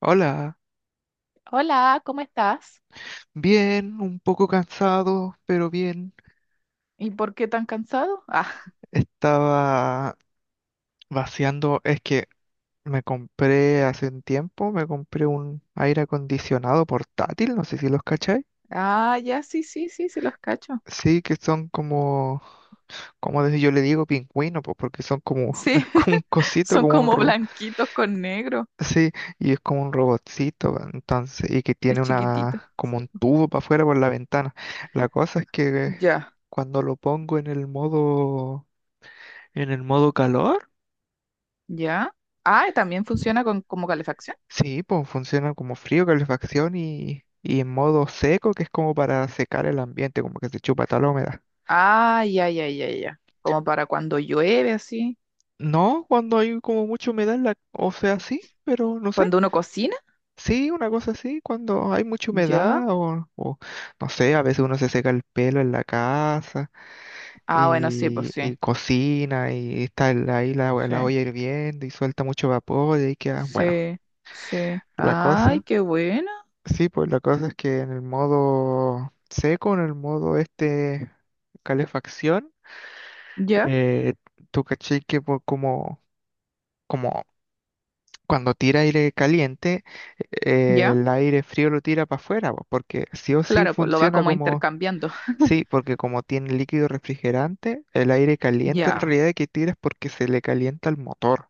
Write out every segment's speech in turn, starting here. Hola, Hola, ¿cómo estás? bien, un poco cansado, pero bien. ¿Y por qué tan cansado? Ah, Estaba vaciando, es que me compré hace un tiempo, me compré un aire acondicionado portátil, no sé si los cacháis. ah, ya, sí, sí, sí, sí, los cacho. Sí, que son como desde yo le digo pingüino, pues porque son como, Sí, es como un cosito, son como un como ro, blanquitos con negro. sí, y es como un robotcito, entonces, y que Es tiene chiquitito. una, como Sí. un tubo para afuera por la ventana. La cosa es que Ya, cuando lo pongo en el modo. ¿En el modo calor? ya. Ah, ¿y también funciona con, como calefacción. Sí, pues funciona como frío, calefacción y en modo seco, que es como para secar el ambiente, como que se chupa tal humedad. Ah, ya, ya, ya, ya. Como para cuando llueve, así. No, cuando hay como mucha humedad, en la, o sea, sí, pero no sé. Cuando uno cocina. Sí, una cosa así, cuando hay mucha Ya. humedad no sé, a veces uno se seca el pelo en la casa Ah, bueno, sí, pues y, sí. y cocina y está ahí la, Sí, la olla hirviendo y suelta mucho vapor y ahí queda, bueno, sí, sí. la Ay, cosa. qué bueno. Sí, pues la cosa es que en el modo seco, en el modo este calefacción, Ya, eh, tú caché que como cuando tira aire caliente, ya. el aire frío lo tira para afuera, po, porque sí o sí Claro, pues lo va funciona como como, intercambiando. sí, porque como tiene líquido refrigerante, el aire caliente en Ya. realidad que tira es porque se le calienta el motor.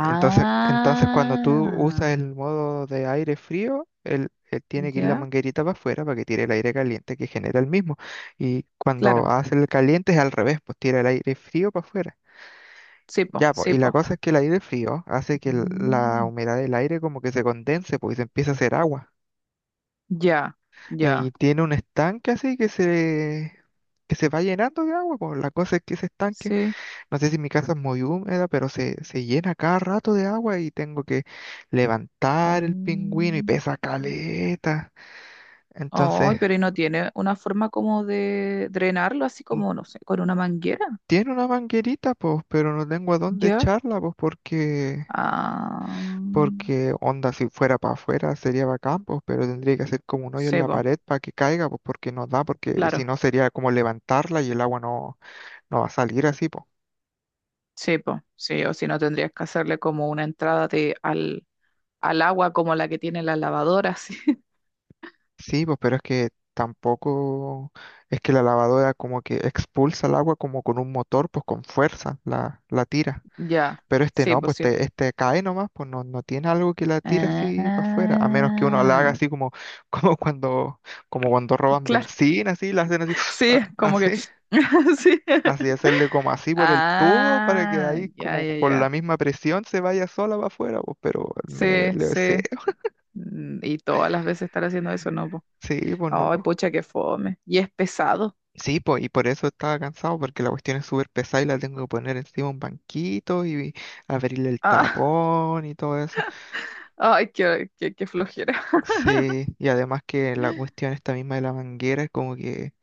Y entonces, cuando tú usas el modo de aire frío, él tiene que ir la ya, manguerita para afuera para que tire el aire caliente que genera el mismo. Y cuando claro. hace el caliente es al revés, pues tira el aire frío para afuera. Sí, po, Ya, pues, sí, y la po. cosa es que el aire frío hace que la Mm, humedad del aire como que se condense, pues, y se empieza a hacer agua. ya, Y ya. tiene un estanque así que que se va llenando de agua, pues la cosa es que ese estanque, Sí. no sé si mi casa es muy húmeda, pero se llena cada rato de agua y tengo que levantar el pingüino, y Mm. pesa caleta. Ay, Entonces, pero ¿y no tiene una forma como de drenarlo, así mm, como, no sé, con una manguera? tiene una manguerita, pues, pero no tengo a dónde ¿Ya? echarla, pues, porque, Ah, porque onda, si fuera para afuera sería bacán, pues, pero tendría que hacer como un hoyo en sí, la po, pared para que caiga, pues, porque no da, porque si claro, no sería como levantarla y el agua no va a salir así, pues. sí, po, sí, o si no tendrías que hacerle como una entrada de, al, al agua como la que tiene la lavadora, así. Sí, pues, pero es que tampoco es que la lavadora como que expulsa el agua como con un motor, pues, con fuerza la tira. Ya, Pero este sí, no, pues pues sí, po. este cae nomás, pues no tiene algo que la tira así para afuera, a menos que uno la haga Ah, así como, como cuando, roban claro, benzina, así, la hacen así, sí, como que. así, Sí. así hacerle como así por el tubo para que Ah, ahí ya, como ya, por la ya. misma presión se vaya sola para afuera, pues, pero Sí, sí, sí. Mm, y todas las veces estar haciendo eso, no, po. sí, pues Ay, no. pucha, qué fome. Y es pesado. Sí, po, y por eso estaba cansado, porque la cuestión es súper pesada y la tengo que poner encima un banquito y abrirle el Ah, tapón y todo eso. ay, qué, qué, qué flojera. Sí, y además que la cuestión esta misma de la manguera es como que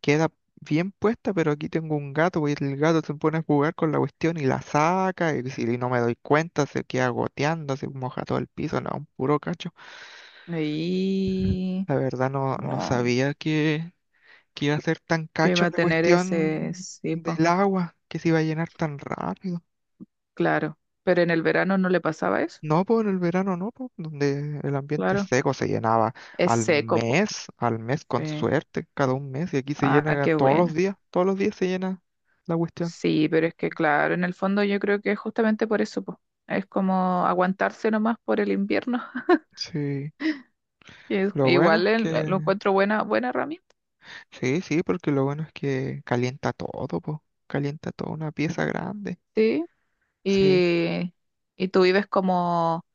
queda bien puesta, pero aquí tengo un gato, pues, y el gato se pone a jugar con la cuestión y la saca, y si no me doy cuenta se queda goteando, se moja todo el piso, no, un puro cacho. Y La verdad, no bueno, sabía que, iba a ser tan que iba cacho a la tener ese. cuestión Sí, po, del agua, que se iba a llenar tan rápido. claro. Pero en el verano no le pasaba eso. No, pues, en el verano no, pues donde el ambiente Claro. seco se llenaba Es seco, po. Al mes con Sí. suerte, cada un mes, y aquí se Ah, llena qué bueno. Todos los días se llena la cuestión. Sí, pero es que claro, en el fondo yo creo que es justamente por eso, po. Es como aguantarse nomás por el invierno. Sí, Y es- lo bueno es igual el- lo que, encuentro buena, buena herramienta, sí, sí, porque lo bueno es que calienta todo, pues, calienta toda una pieza grande. sí. Sí, Y, y tú vives como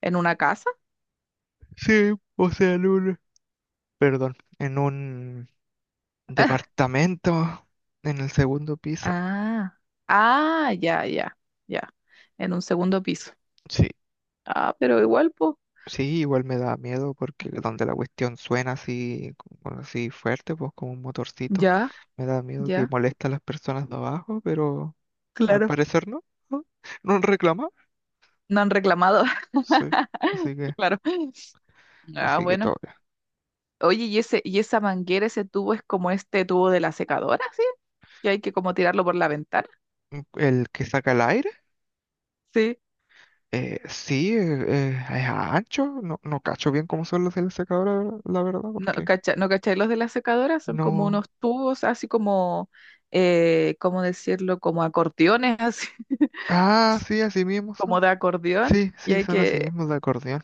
en una casa. sí, o sea, en un, perdón, en un departamento en el segundo piso. Ah, ah, ya, ya, ya. En un segundo piso. Sí, Ah, pero igual, pues, sí, igual me da miedo porque donde la cuestión suena así, como así fuerte, pues como un motorcito, ya, me da miedo que ya. moleste a las personas de abajo, pero al Claro. parecer no, no, no reclama. No han reclamado, Sí, así que, claro. Ah, todo. bueno. Oye, ¿y ese, y esa manguera, ese tubo es como este tubo de la secadora? ¿Sí? Que hay que como tirarlo por la ventana, Bien. El que saca el aire, ¿sí? Sí, es ancho, no cacho bien cómo son los de la secadora, la verdad, ¿No, porque cacha, no cachai? Los de la secadora son como no. unos tubos, así como, ¿cómo decirlo? Como acordeones, así, Ah, sí, así mismo como son. de acordeón, Sí, y sí, hay son así que... mismos de acordeón.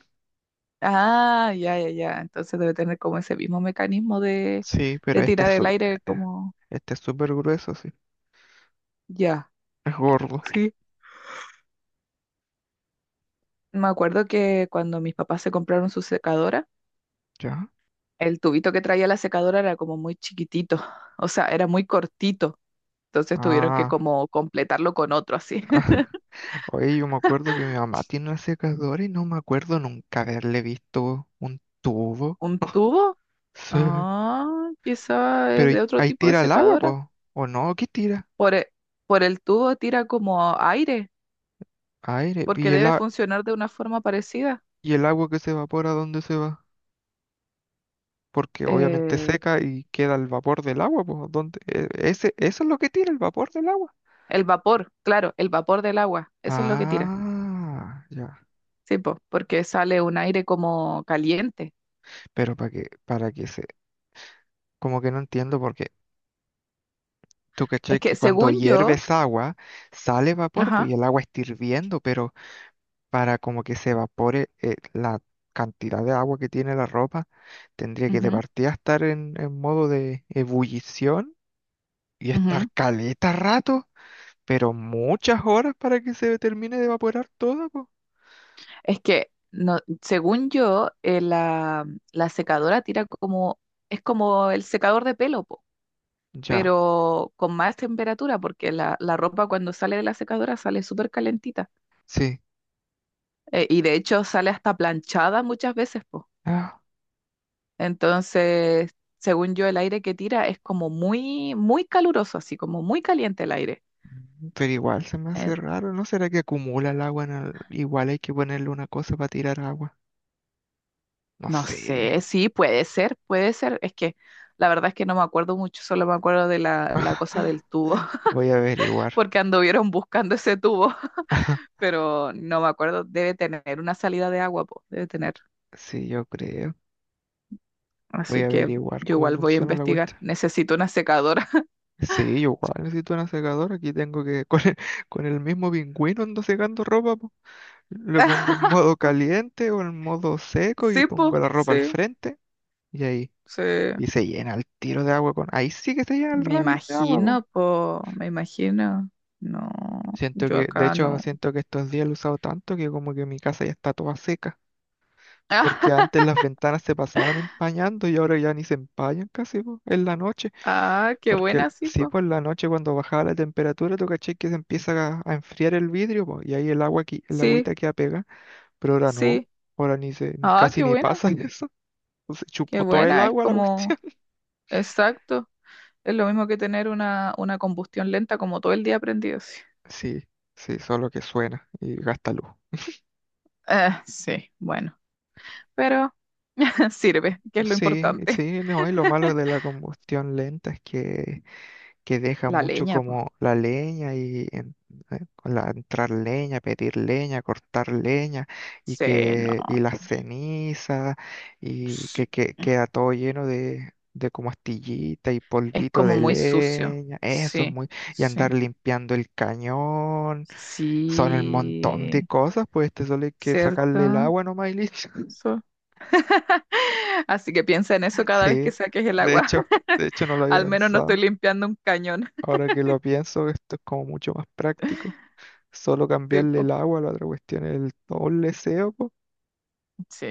Ah, ya, ya, ya. Entonces debe tener como ese mismo mecanismo Sí, pero de tirar el aire eh, como... este es súper grueso, sí. Ya, Es gordo. sí. Me acuerdo que cuando mis papás se compraron su secadora, ¿Ya? el tubito que traía la secadora era como muy chiquitito, o sea, era muy cortito. Entonces tuvieron que Ah. como completarlo con otro así. Oye, yo me acuerdo que mi mamá tiene una secadora y no me acuerdo nunca haberle visto un tubo. ¿Un tubo? Sí. Ah, quizá es Pero ahí de otro ahí tipo de tira el agua, secadora. po. ¿O no? ¿Qué tira? Por el, por el tubo tira como aire, Aire. porque debe funcionar de una forma parecida. Y el agua que se evapora, ¿dónde se va? Porque obviamente Eh, seca y queda el vapor del agua, po. ¿Dónde? Eso es lo que tira, el vapor del agua. el vapor, claro, el vapor del agua, eso es lo que tira. Ah, ya. Sí, po, porque sale un aire como caliente. Pero para que, se. Como que no entiendo porque, tú cachai Es que que cuando según yo, hierves agua sale vapor, pues, y ajá, el agua está hirviendo, pero para como que se evapore, la cantidad de agua que tiene la ropa, tendría que de ujú, partida estar en modo de ebullición y estar ujú, caleta rato, pero muchas horas para que se termine de evaporar todo, pues. es que no, según yo, la, la secadora tira como, es como el secador de pelo, po. Ya, Pero con más temperatura, porque la ropa cuando sale de la secadora sale súper calentita. sí. Y de hecho sale hasta planchada muchas veces, po. Ah, Entonces, según yo, el aire que tira es como muy, muy caluroso, así como muy caliente el aire. Pero igual se me Eh, hace raro, ¿no será que acumula el agua en igual hay que ponerle una cosa para tirar agua. No no sé. sé, sí, puede ser, puede ser. Es que la verdad es que no me acuerdo mucho, solo me acuerdo de la, la cosa del tubo, Voy a averiguar. porque anduvieron buscando ese tubo, pero no me acuerdo. Debe tener una salida de agua, po, debe tener. Sí, yo creo. Voy a Así que averiguar yo cómo igual voy a funciona la investigar. cuestión. Necesito una secadora. Sí, yo igual necesito una secadora. Aquí tengo que, con el mismo pingüino ando secando ropa, po. Lo pongo en modo caliente o en modo seco y Sí, pongo po, la ropa al sí, frente y ahí. sí. Y se llena el tiro de agua con. Ahí sí que se llena el Me rápido de agua, po. imagino, po, me imagino. No, Siento yo que, de acá hecho, no. siento que estos días lo he usado tanto que como que mi casa ya está toda seca. Porque antes las ventanas se pasaban empañando y ahora ya ni se empañan casi, po, en la noche. Ah, qué Porque buena, sí, sí, po. pues, la noche cuando bajaba la temperatura, tú caché que se empieza a enfriar el vidrio, po, y ahí el agua aquí, el Sí, agüita queda pega, pero ahora no, sí. ahora ni se, Ah, casi qué ni buena, pasa eso. Se qué chupó todo el buena. Es agua la como, cuestión. exacto. Es lo mismo que tener una combustión lenta como todo el día prendido. Sí, Sí, sí, solo que suena y gasta luz. ah, sí, bueno. Pero sirve, que es lo Sí, importante. sí, no, y lo malo de la combustión lenta es que deja La mucho leña, como po. la leña y con la, entrar leña, pedir leña, cortar leña, y Sí, no. que, y las cenizas y Sí. que queda todo lleno de como astillita y Es polvito como de muy sucio. leña, eso es Sí, muy, y andar sí. limpiando el cañón, son el montón de Sí, cosas, pues te solo hay que sacarle el ¿cierto? agua nomás y listo. So- Así que piensa en eso cada vez que Sí, saques el de agua. hecho, de hecho no lo había Al menos no estoy pensado. limpiando un cañón, Ahora que lo pienso, esto es como mucho más práctico. Solo cambiarle el tipo. agua, la otra cuestión es el todo el leseo, po. Sí.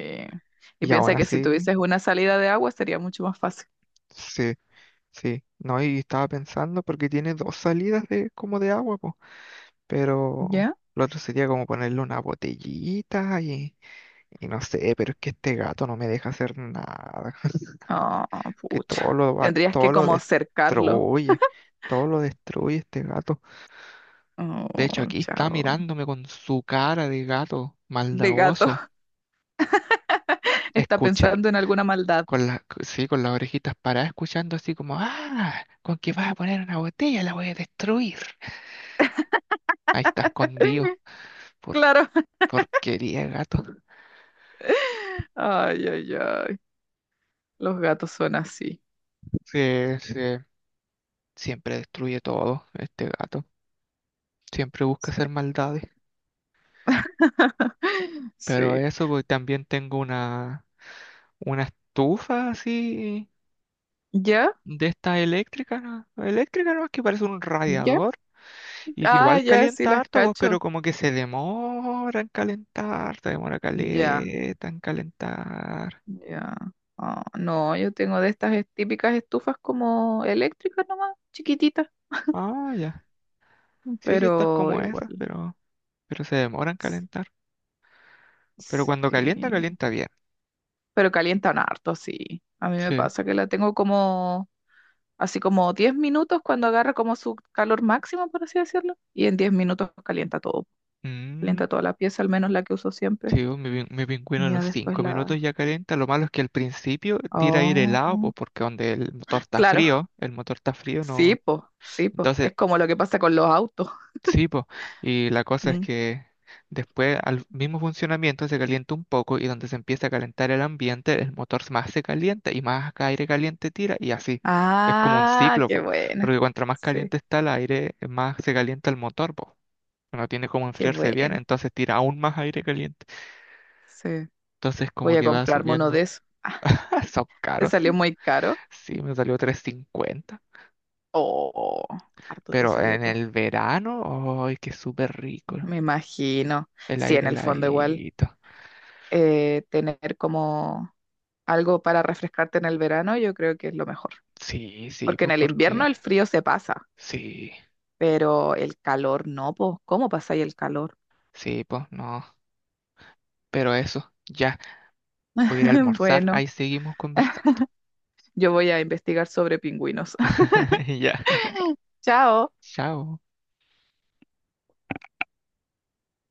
Y Y aún piensa que si así, tuvieses una salida de agua sería mucho más fácil. sí, sí. No, y estaba pensando porque tiene dos salidas de como de agua, po. Pero ¿Ya? lo otro sería como ponerle una botellita y no sé, pero es que este gato no me deja hacer nada. Ah, Que todo pucha. Tendrías que todo lo como cercarlo. destruye. Todo lo destruye este gato. Oh, De hecho, aquí está chao. mirándome con su cara de gato De gato. maldadoso. Está Escucha. pensando en alguna maldad. Con las, sí, con las orejitas paradas, escuchando así como, ah, con que vas a poner una botella, la voy a destruir. Ahí está escondido. Por Claro. porquería, de gato. Ay, ay, ay. Los gatos son así. Se, se- siempre destruye todo, este gato. Siempre busca Sí. hacer maldades. Pero Sí. eso, pues, también tengo una, estufa así ¿Ya? de esta eléctrica, ¿no? Eléctrica, ¿no? Que parece un ¿Ya? radiador. Y que Ah, igual ya, sí calienta las harto, pues, pero cacho. como que se demora en calentar, se demora Ya, caleta en calentar. ya. Ah, no, yo tengo de estas es- típicas estufas como eléctricas nomás, chiquititas, Ah, ya. Sí, sí, estas pero como igual. esas, pero, se demora en S- calentar. Pero cuando calienta, Sí. calienta bien. Pero calientan harto, sí. A mí me Sí. pasa que la tengo como, así como 10 minutos cuando agarra como su calor máximo, por así decirlo. Y en 10 minutos calienta todo. Mm, Calienta toda la pieza, al menos la que uso siempre. sí, pues, mi pingüino a Y ya los después cinco la, minutos ya calienta. Lo malo es que al principio tira aire helado, pues oh, porque donde el motor está claro, frío, el motor está frío, sí, no. po, sí, po. Entonces. Es como lo que pasa con los autos. Sí, po. Y la cosa es Mm. que después al mismo funcionamiento se calienta un poco y donde se empieza a calentar el ambiente, el motor más se calienta y más aire caliente tira y así. Es como un Ah, ciclo, qué po. buena. Porque cuanto más Sí, caliente está el aire, más se calienta el motor, po. No tiene como qué enfriarse bien, buena. entonces tira aún más aire caliente. Sí, Entonces voy como a que va comprarme uno subiendo. de esos. Ah, Son ¿te caros, salió sí. muy caro? Sí, me salió 350. Oh, harto te Pero salió, en po. el verano, ¡ay, qué súper rico! Me imagino. El Sí, en aire el fondo igual. heladito. Tener como algo para refrescarte en el verano, yo creo que es lo mejor. Sí, sí, Porque en pues el invierno porque el frío se pasa, sí, pero el calor no, po. ¿Cómo pasa ahí el calor? sí, pues no. Pero eso, ya, voy a ir a almorzar, Bueno. ahí seguimos conversando. Yo voy a investigar sobre pingüinos. Ya, Chao. chao.